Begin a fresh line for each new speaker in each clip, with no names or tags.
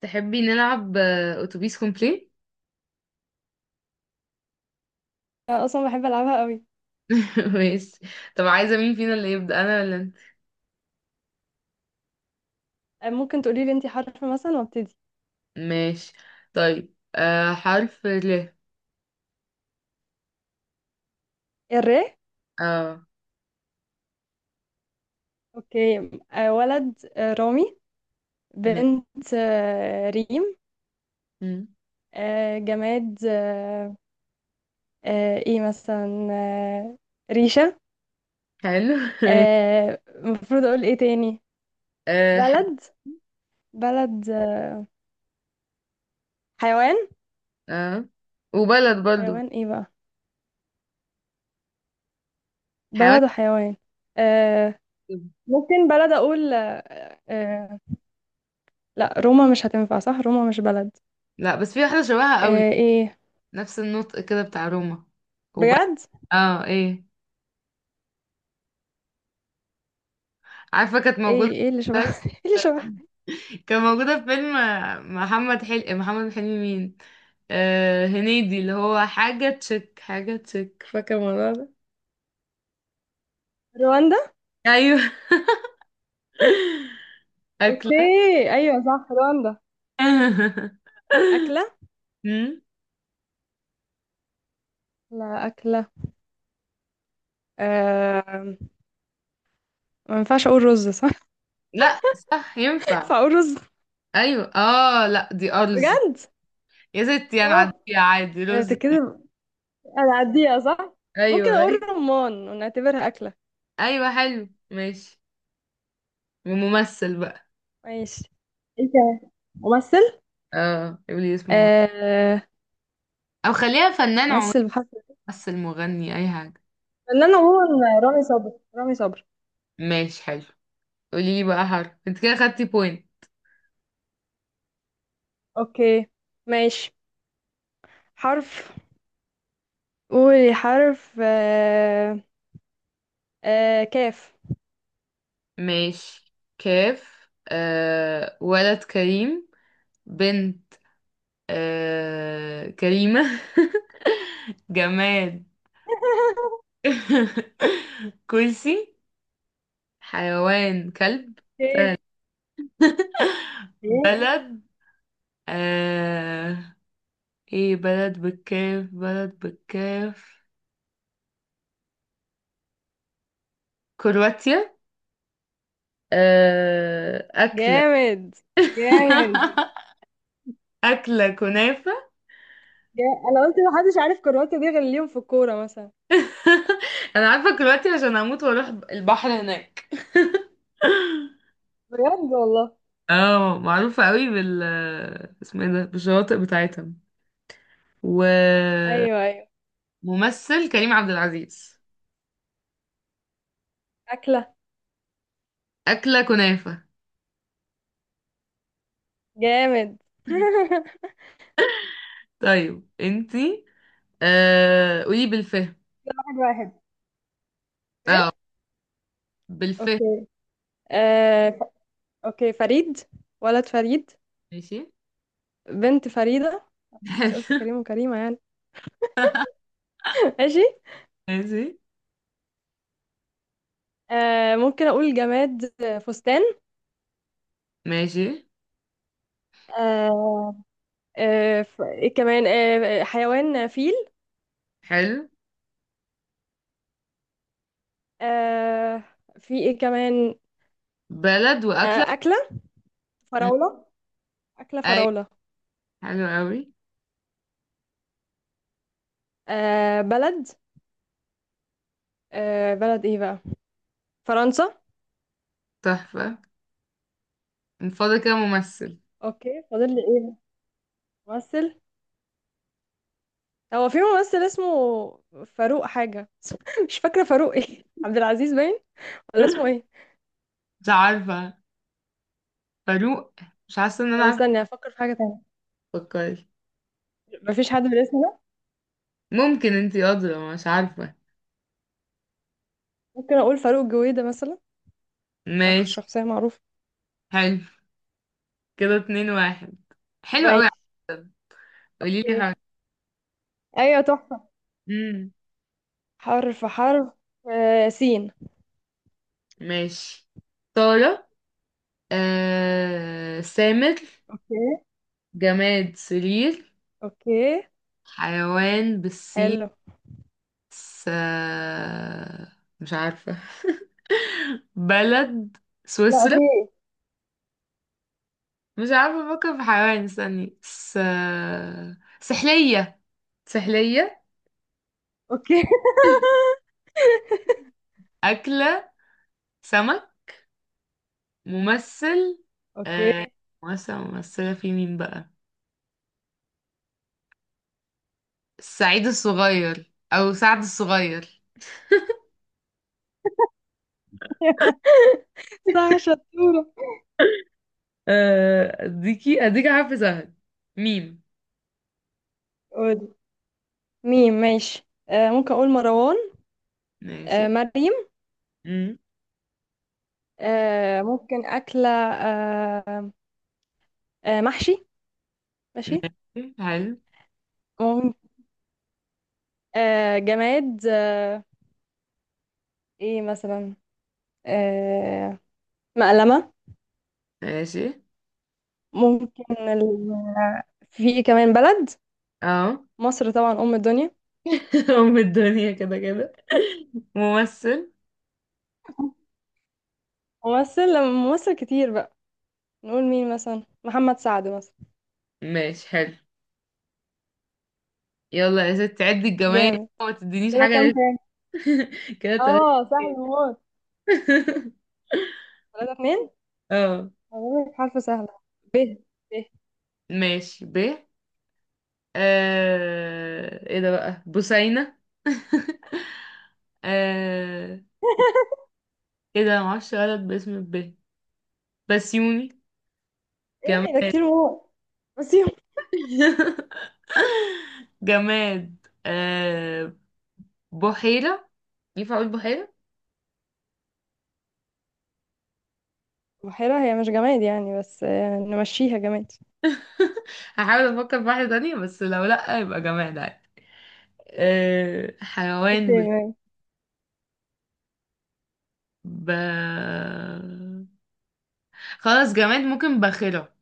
تحبي نلعب اتوبيس كومبلين
أنا اصلا بحب العبها قوي.
ماشي. طب عايزة مين فينا اللي يبدأ، انا ولا انت؟
ممكن تقولي لي انتي حرف مثلا وابتدي.
ماشي. طيب حرف ال
الر.
اه.
اوكي. ولد رامي.
ماشي.
بنت ريم.
مم.
جماد ايه مثلا ريشة.
حلو ماشي.
المفروض اقول ايه تاني؟
حاجة.
بلد. بلد، حيوان.
اه، وبلد برضو.
حيوان، ايه بقى؟
حيوان.
بلد وحيوان. آه، ممكن بلد اقول. آه، لا، روما مش هتنفع، صح، روما مش بلد.
لا بس في واحدة شبهها قوي،
ايه؟
نفس النطق كده بتاع روما. وبلد.
بجد.
اه، ايه؟ عارفة كانت موجودة،
ايه اللي شبه ايه اللي شبه.
كان موجودة في فيلم محمد حلمي. مين؟ آه هنيدي، اللي هو حاجة تشك، فاكرة الموضوع ده؟
رواندا.
أيوه
اوكي.
أكلة
ايوه صح، رواندا. اكله.
مم؟
لا، اكله. آه... ما ينفعش اقول رز، صح؟
لا، صح ينفع.
ينفع اقول رز.
أيوه اه، لا دي أرز.
بجد.
يا ستي أنا
اه.
عادية، عادي
أنا
رز.
بتتكلم. انا عديها صح.
أيوه
ممكن اقول
أيوه.
رمان ونعتبرها اكله.
أيوه، حلو ماشي. وممثل بقى.
ماشي. انت. ممثل.
اه قولي اسمه ممثل.
آه...
أو خليها فنان عموما،
ممثل بحرف.
ممثل مغني أي حاجة.
فنان عموما، رامي صبري، رامي صبري.
ماشي حلو. قولي لي بقى حرف، انت كده خدتي بوينت.
اوكي. ماشي. حرف. قولي حرف كاف.
ماشي كاف. ولد كريم. بنت كريمة جماد كرسي. حيوان كلب.
اوكي.
سهل.
إيه؟
بلد، آه ايه بلد بالكاف؟ بلد بالكاف كرواتيا. أكلة
جامد. جامد.
أكلة كنافة
جا- انا قلت محدش عارف كرواتة دي غير اليوم في الكورة مثلا.
أنا عارفة كرواتيا عشان هموت وأروح البحر هناك
بجد والله.
اه، معروفة قوي بال، اسمه ايه ده، بالشواطئ بتاعتها. وممثل
ايوه، ايوه.
كريم عبد العزيز.
اكلة.
أكلة كنافة.
جامد.
طيب انتي، قولي بالفهم.
واحد واحد.
اه
ايه.
بالفهم.
اوكي. آه... ف- اوكي، فريد. ولد فريد.
ماشي
بنت فريدة. انت قلت كريم وكريمة يعني. ماشي.
ماشي.
ممكن اقول جماد فستان.
ماشي
آه... ايه كمان حيوان فيل.
حلو.
آه... في ايه كمان؟
بلد وأكلة.
آه... أكلة.
م،
فراولة. أكلة
أيوة.
فراولة.
حلو قوي.
بلد. بلد، ايه بقى؟ فرنسا.
تحفة. من فضل كده ممثل.
اوكي، فاضل لي ايه؟ ممثل. هو في ممثل اسمه. فاروق حاجة مش فاكرة فاروق ايه عبد العزيز باين. ولا اسمه ايه؟
مش عارفة فاروق، مش حاسة ان انا
طب
عارفة.
استني افكر في حاجة تانية.
فكري.
مفيش حد بالاسم ده.
ممكن انتي أدرى، مش عارفة.
ممكن اقول فاروق جويدة مثلا.
ماشي
شخصية معروفة.
حلو. كده 2-1. حلو
ماشي.
قوي. قولي لي
أوكي.
حاجة.
ايوه، تحفة.
امم.
حرف. سين.
ماشي طارق، سامر.
اوكي.
جماد سرير.
اوكي
حيوان بالسين،
حلو.
س... مش عارفة. بلد
لا،
سويسرا.
في إيه؟
مش عارفة، افكر في حيوان، استني. سحلية. سحلية.
اوكي.
أكلة سمك. ممثل آه...
اوكي.
ممثل ممثلة، في مين بقى؟ سعيد الصغير او سعد الصغير.
صح، شطورة.
آه، اديكي حرف سهل، ميم.
قول. ميم، ماشي. ممكن اقول مروان.
ماشي
مريم.
مم.
ممكن اكله محشي. ماشي.
ماشي حلو.
ممكن. جماد ايه مثلا؟ آه مقلمه.
ماشي
ممكن في كمان بلد.
اه.
مصر طبعا، ام الدنيا.
ام الدنيا كده كده. ممثل.
ممثل، لما ممثل كتير بقى. نقول مين مثلا، محمد سعد مثلا.
ماشي حلو. يلا يا ست عدي الجمايل،
جامد.
ما تدينيش
كده
حاجة
كام
لسه.
تاني؟
كده تلاتة
اه، سهل
اتنين.
موت. ثلاثة اتنين.
اه
هقول لك حرف سهلة. ب. ب
ماشي ب. ايه ده بقى، بوسينة؟ آه... ايه ده، معرفش ولد باسم ب، بسيوني. جماد
ايه ده، كتير موت. نسيهم.
جماد بحيرة. ينفع اقول بحيرة؟
بحيرة هي مش جماد يعني بس نمشيها جماد.
هحاول افكر في واحدة تانية، بس لو لأ يبقى جماد عادي. آه
اوكي،
حيوان بال-
ماشي.
ب... خلاص جماد، ممكن باخرة.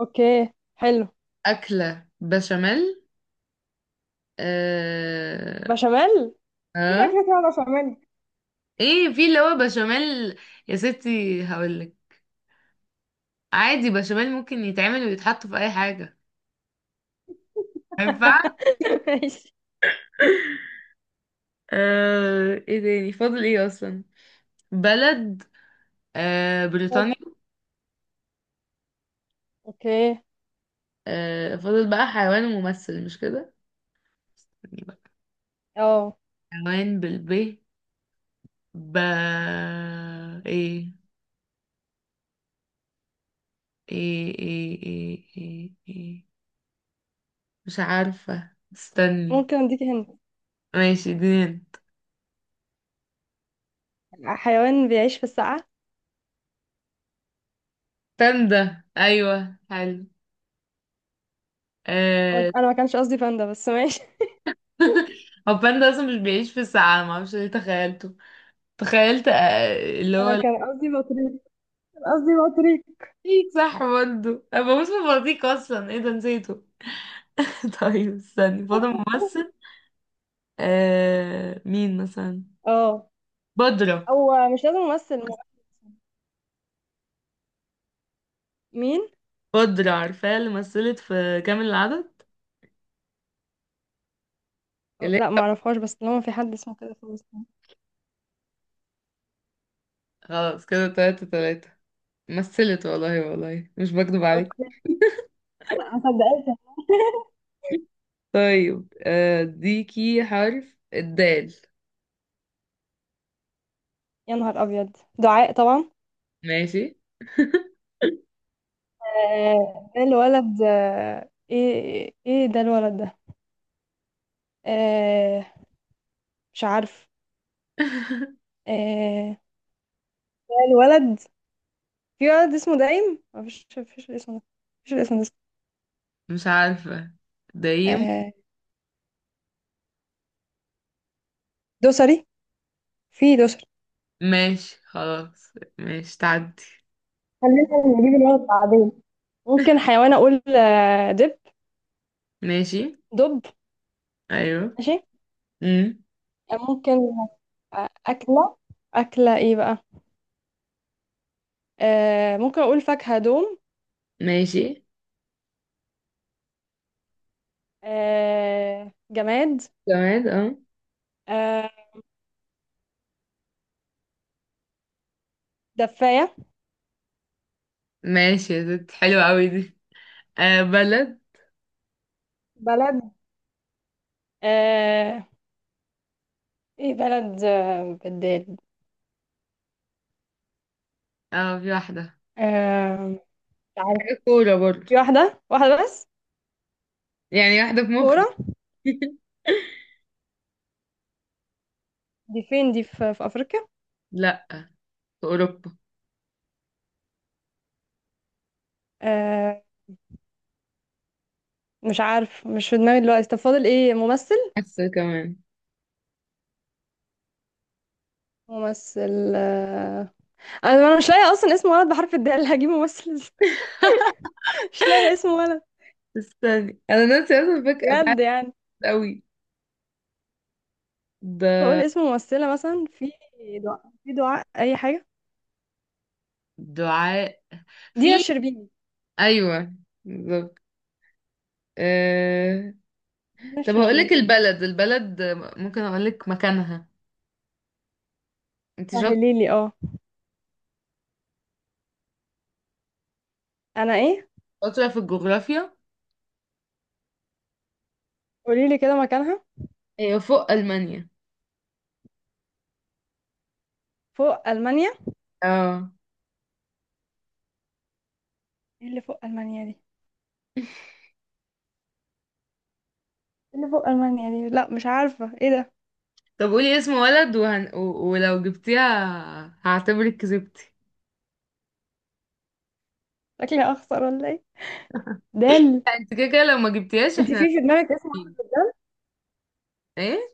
اوكي حلو.
أكلة بشاميل. آه...
بشاميل. مفيش
ها؟
أكلة اسمها بشاميل.
ايه، في اللي هو بشاميل، يا ستي هقولك. عادي بشاميل ممكن يتعمل ويتحط في اي حاجة. ما ينفعش.
ماشي.
ايه تاني، فاضل ايه اصلا؟ بلد بريطانيا.
حلو. اوكي.
آه فاضل بقى حيوان وممثل، مش كده؟ استني بقى.
اه.
حيوان بالب. ب. ايه ايه إيه, مش عارفة، استني.
ممكن اديك هنا.
ماشي دين.
حيوان بيعيش في السقعة.
باندا، ايوه حلو. آه
انا ما كانش قصدي باندا، بس ماشي.
هو باندا اصلا مش بيعيش في الساعة، معرفش ليه تخيلته. تخيلت آه اللي
أنا
هو،
كان قصدي بطريق. كان قصدي بطريق.
ايه صح برضه، انا بموت في البلطيق اصلا، ايه ده نسيته. طيب استني، فاضل ممثل. مين مثلا؟
اه.
بدرة.
او مش لازم ممثل، مغني. مين؟
بدرة عارفاها، اللي مثلت في كامل العدد. اللي،
لا، ما اعرفهاش، بس طالما في حد اسمه كده، خلاص.
خلاص كده 3-3. مثلت والله والله، مش بكدب عليك.
أوكي. لا، ما صدقتش.
طيب ديكي حرف الدال.
يا نهار ابيض، دعاء طبعا.
ماشي
ده الولد ايه ده الولد ده. آه، مش عارف. آه، ده الولد. في ولد اسمه دايم؟ مفيش الاسم ده. مفيش الاسم ده.
مش عارفة دايم.
آه، دوسري. في دوسري.
ماشي خلاص. ماشي تعدي.
خلينا نجيب الولد بعدين. ممكن حيوان اقول دب.
ماشي
دب.
ايوه.
ماشي.
امم.
ممكن. اكله. اكله ايه بقى؟ ممكن اقول فاكهه دوم.
ماشي
جماد
جماد اه.
آه، دفايه.
ماشي يا ست، حلوة قوي دي. بلد.
بلد. آه... ايه بلد بدال.
اه في واحدة،
آه... مش عارفة.
حاجة كورة برضو،
في واحدة، واحدة بس.
يعني واحدة في مخي.
كورة. دي فين؟ دي في أفريقيا؟
لأ، في أوروبا.
آه... مش عارف، مش في دماغي دلوقتي. طب فاضل ايه؟ ممثل.
حاسة كمان،
ممثل أنا مش لاقية اصلا اسم ولد بحرف الدال. هجيب ممثل إزاي؟ مش لاقية اسم ولد.
استني، انا ناسي اصلا، فاكرة بعد
بجد يعني.
قوي
ممكن اقول
ده.
اسم ممثلة مثلا في. دعاء، في دعاء اي حاجة.
دعاء،
دينا
في.
الشربيني.
ايوه بالظبط. أه...
دينا
طب هقولك
الشربيني.
البلد. ممكن أقولك مكانها. انت
سهليلي اه. انا ايه؟
شاطرة في الجغرافيا.
قوليلي كده مكانها.
هي فوق المانيا.
فوق ألمانيا.
اه.
ايه اللي فوق المانيا دي؟ ايه اللي فوق المانيا دي؟ لا، مش عارفه ايه ده.
طب قولي اسم ولد ولو جبتيها هعتبرك كسبتي.
شكلي اخسر ولا ايه؟ دال.
لا، انت كده كده لو ما جبتيهاش
انت في
احنا
في دماغك اسم.
هنقيم. ايه؟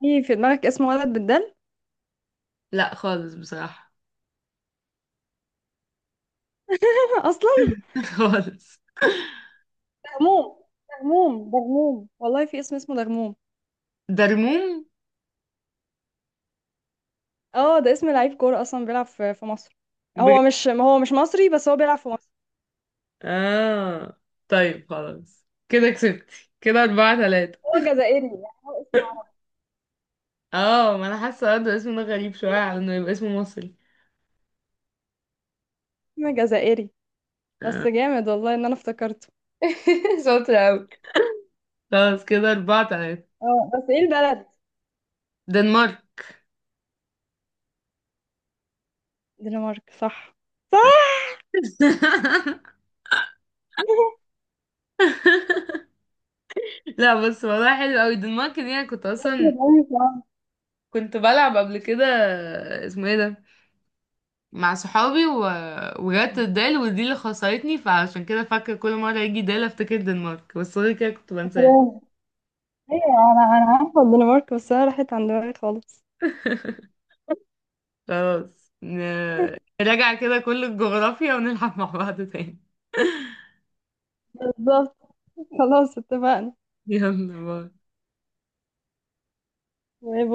في دماغك اسم ولد بالدال.
لا خالص، بصراحة.
اصلا.
خالص.
غموم. غموم ده، غموم والله، في اسم اسمه ده غموم؟
درموم.
اه، ده اسم لعيب كوره، اصلا بيلعب في مصر.
بجد؟
هو مش مصري، بس هو بيلعب في مصر.
اه. طيب خلاص، كده كسبتي، كده 4-3.
هو جزائري، يعني هو اسمه عربي.
اه ما انا حاسة برضه الاسم ده غريب شوية على انه يبقى اسمه مصري.
اسمه جزائري.
آه.
بس جامد والله ان انا افتكرته.
شاطرة اوي. خلاص كده 4-3.
اه بس ايه البلد؟
دنمارك.
دنمارك، صح؟ صح.
لا بس والله حلو اوي الدنمارك دي، انا كنت اصلا، كنت بلعب قبل كده، اسمه ايه ده، مع صحابي وجت الدال، ودي اللي خسرتني، فعشان كده فاكرة كل مرة يجي دال افتكر الدنمارك، بس غير كده كنت بنساه.
ايوه. انا عارفه الدنمارك، بس انا راحت عن دماغي خالص.
خلاص، نراجع كده كل الجغرافيا، ونلعب مع بعض تاني.
بالظبط. خلاص، اتفقنا.
يلا باي.
باي باي.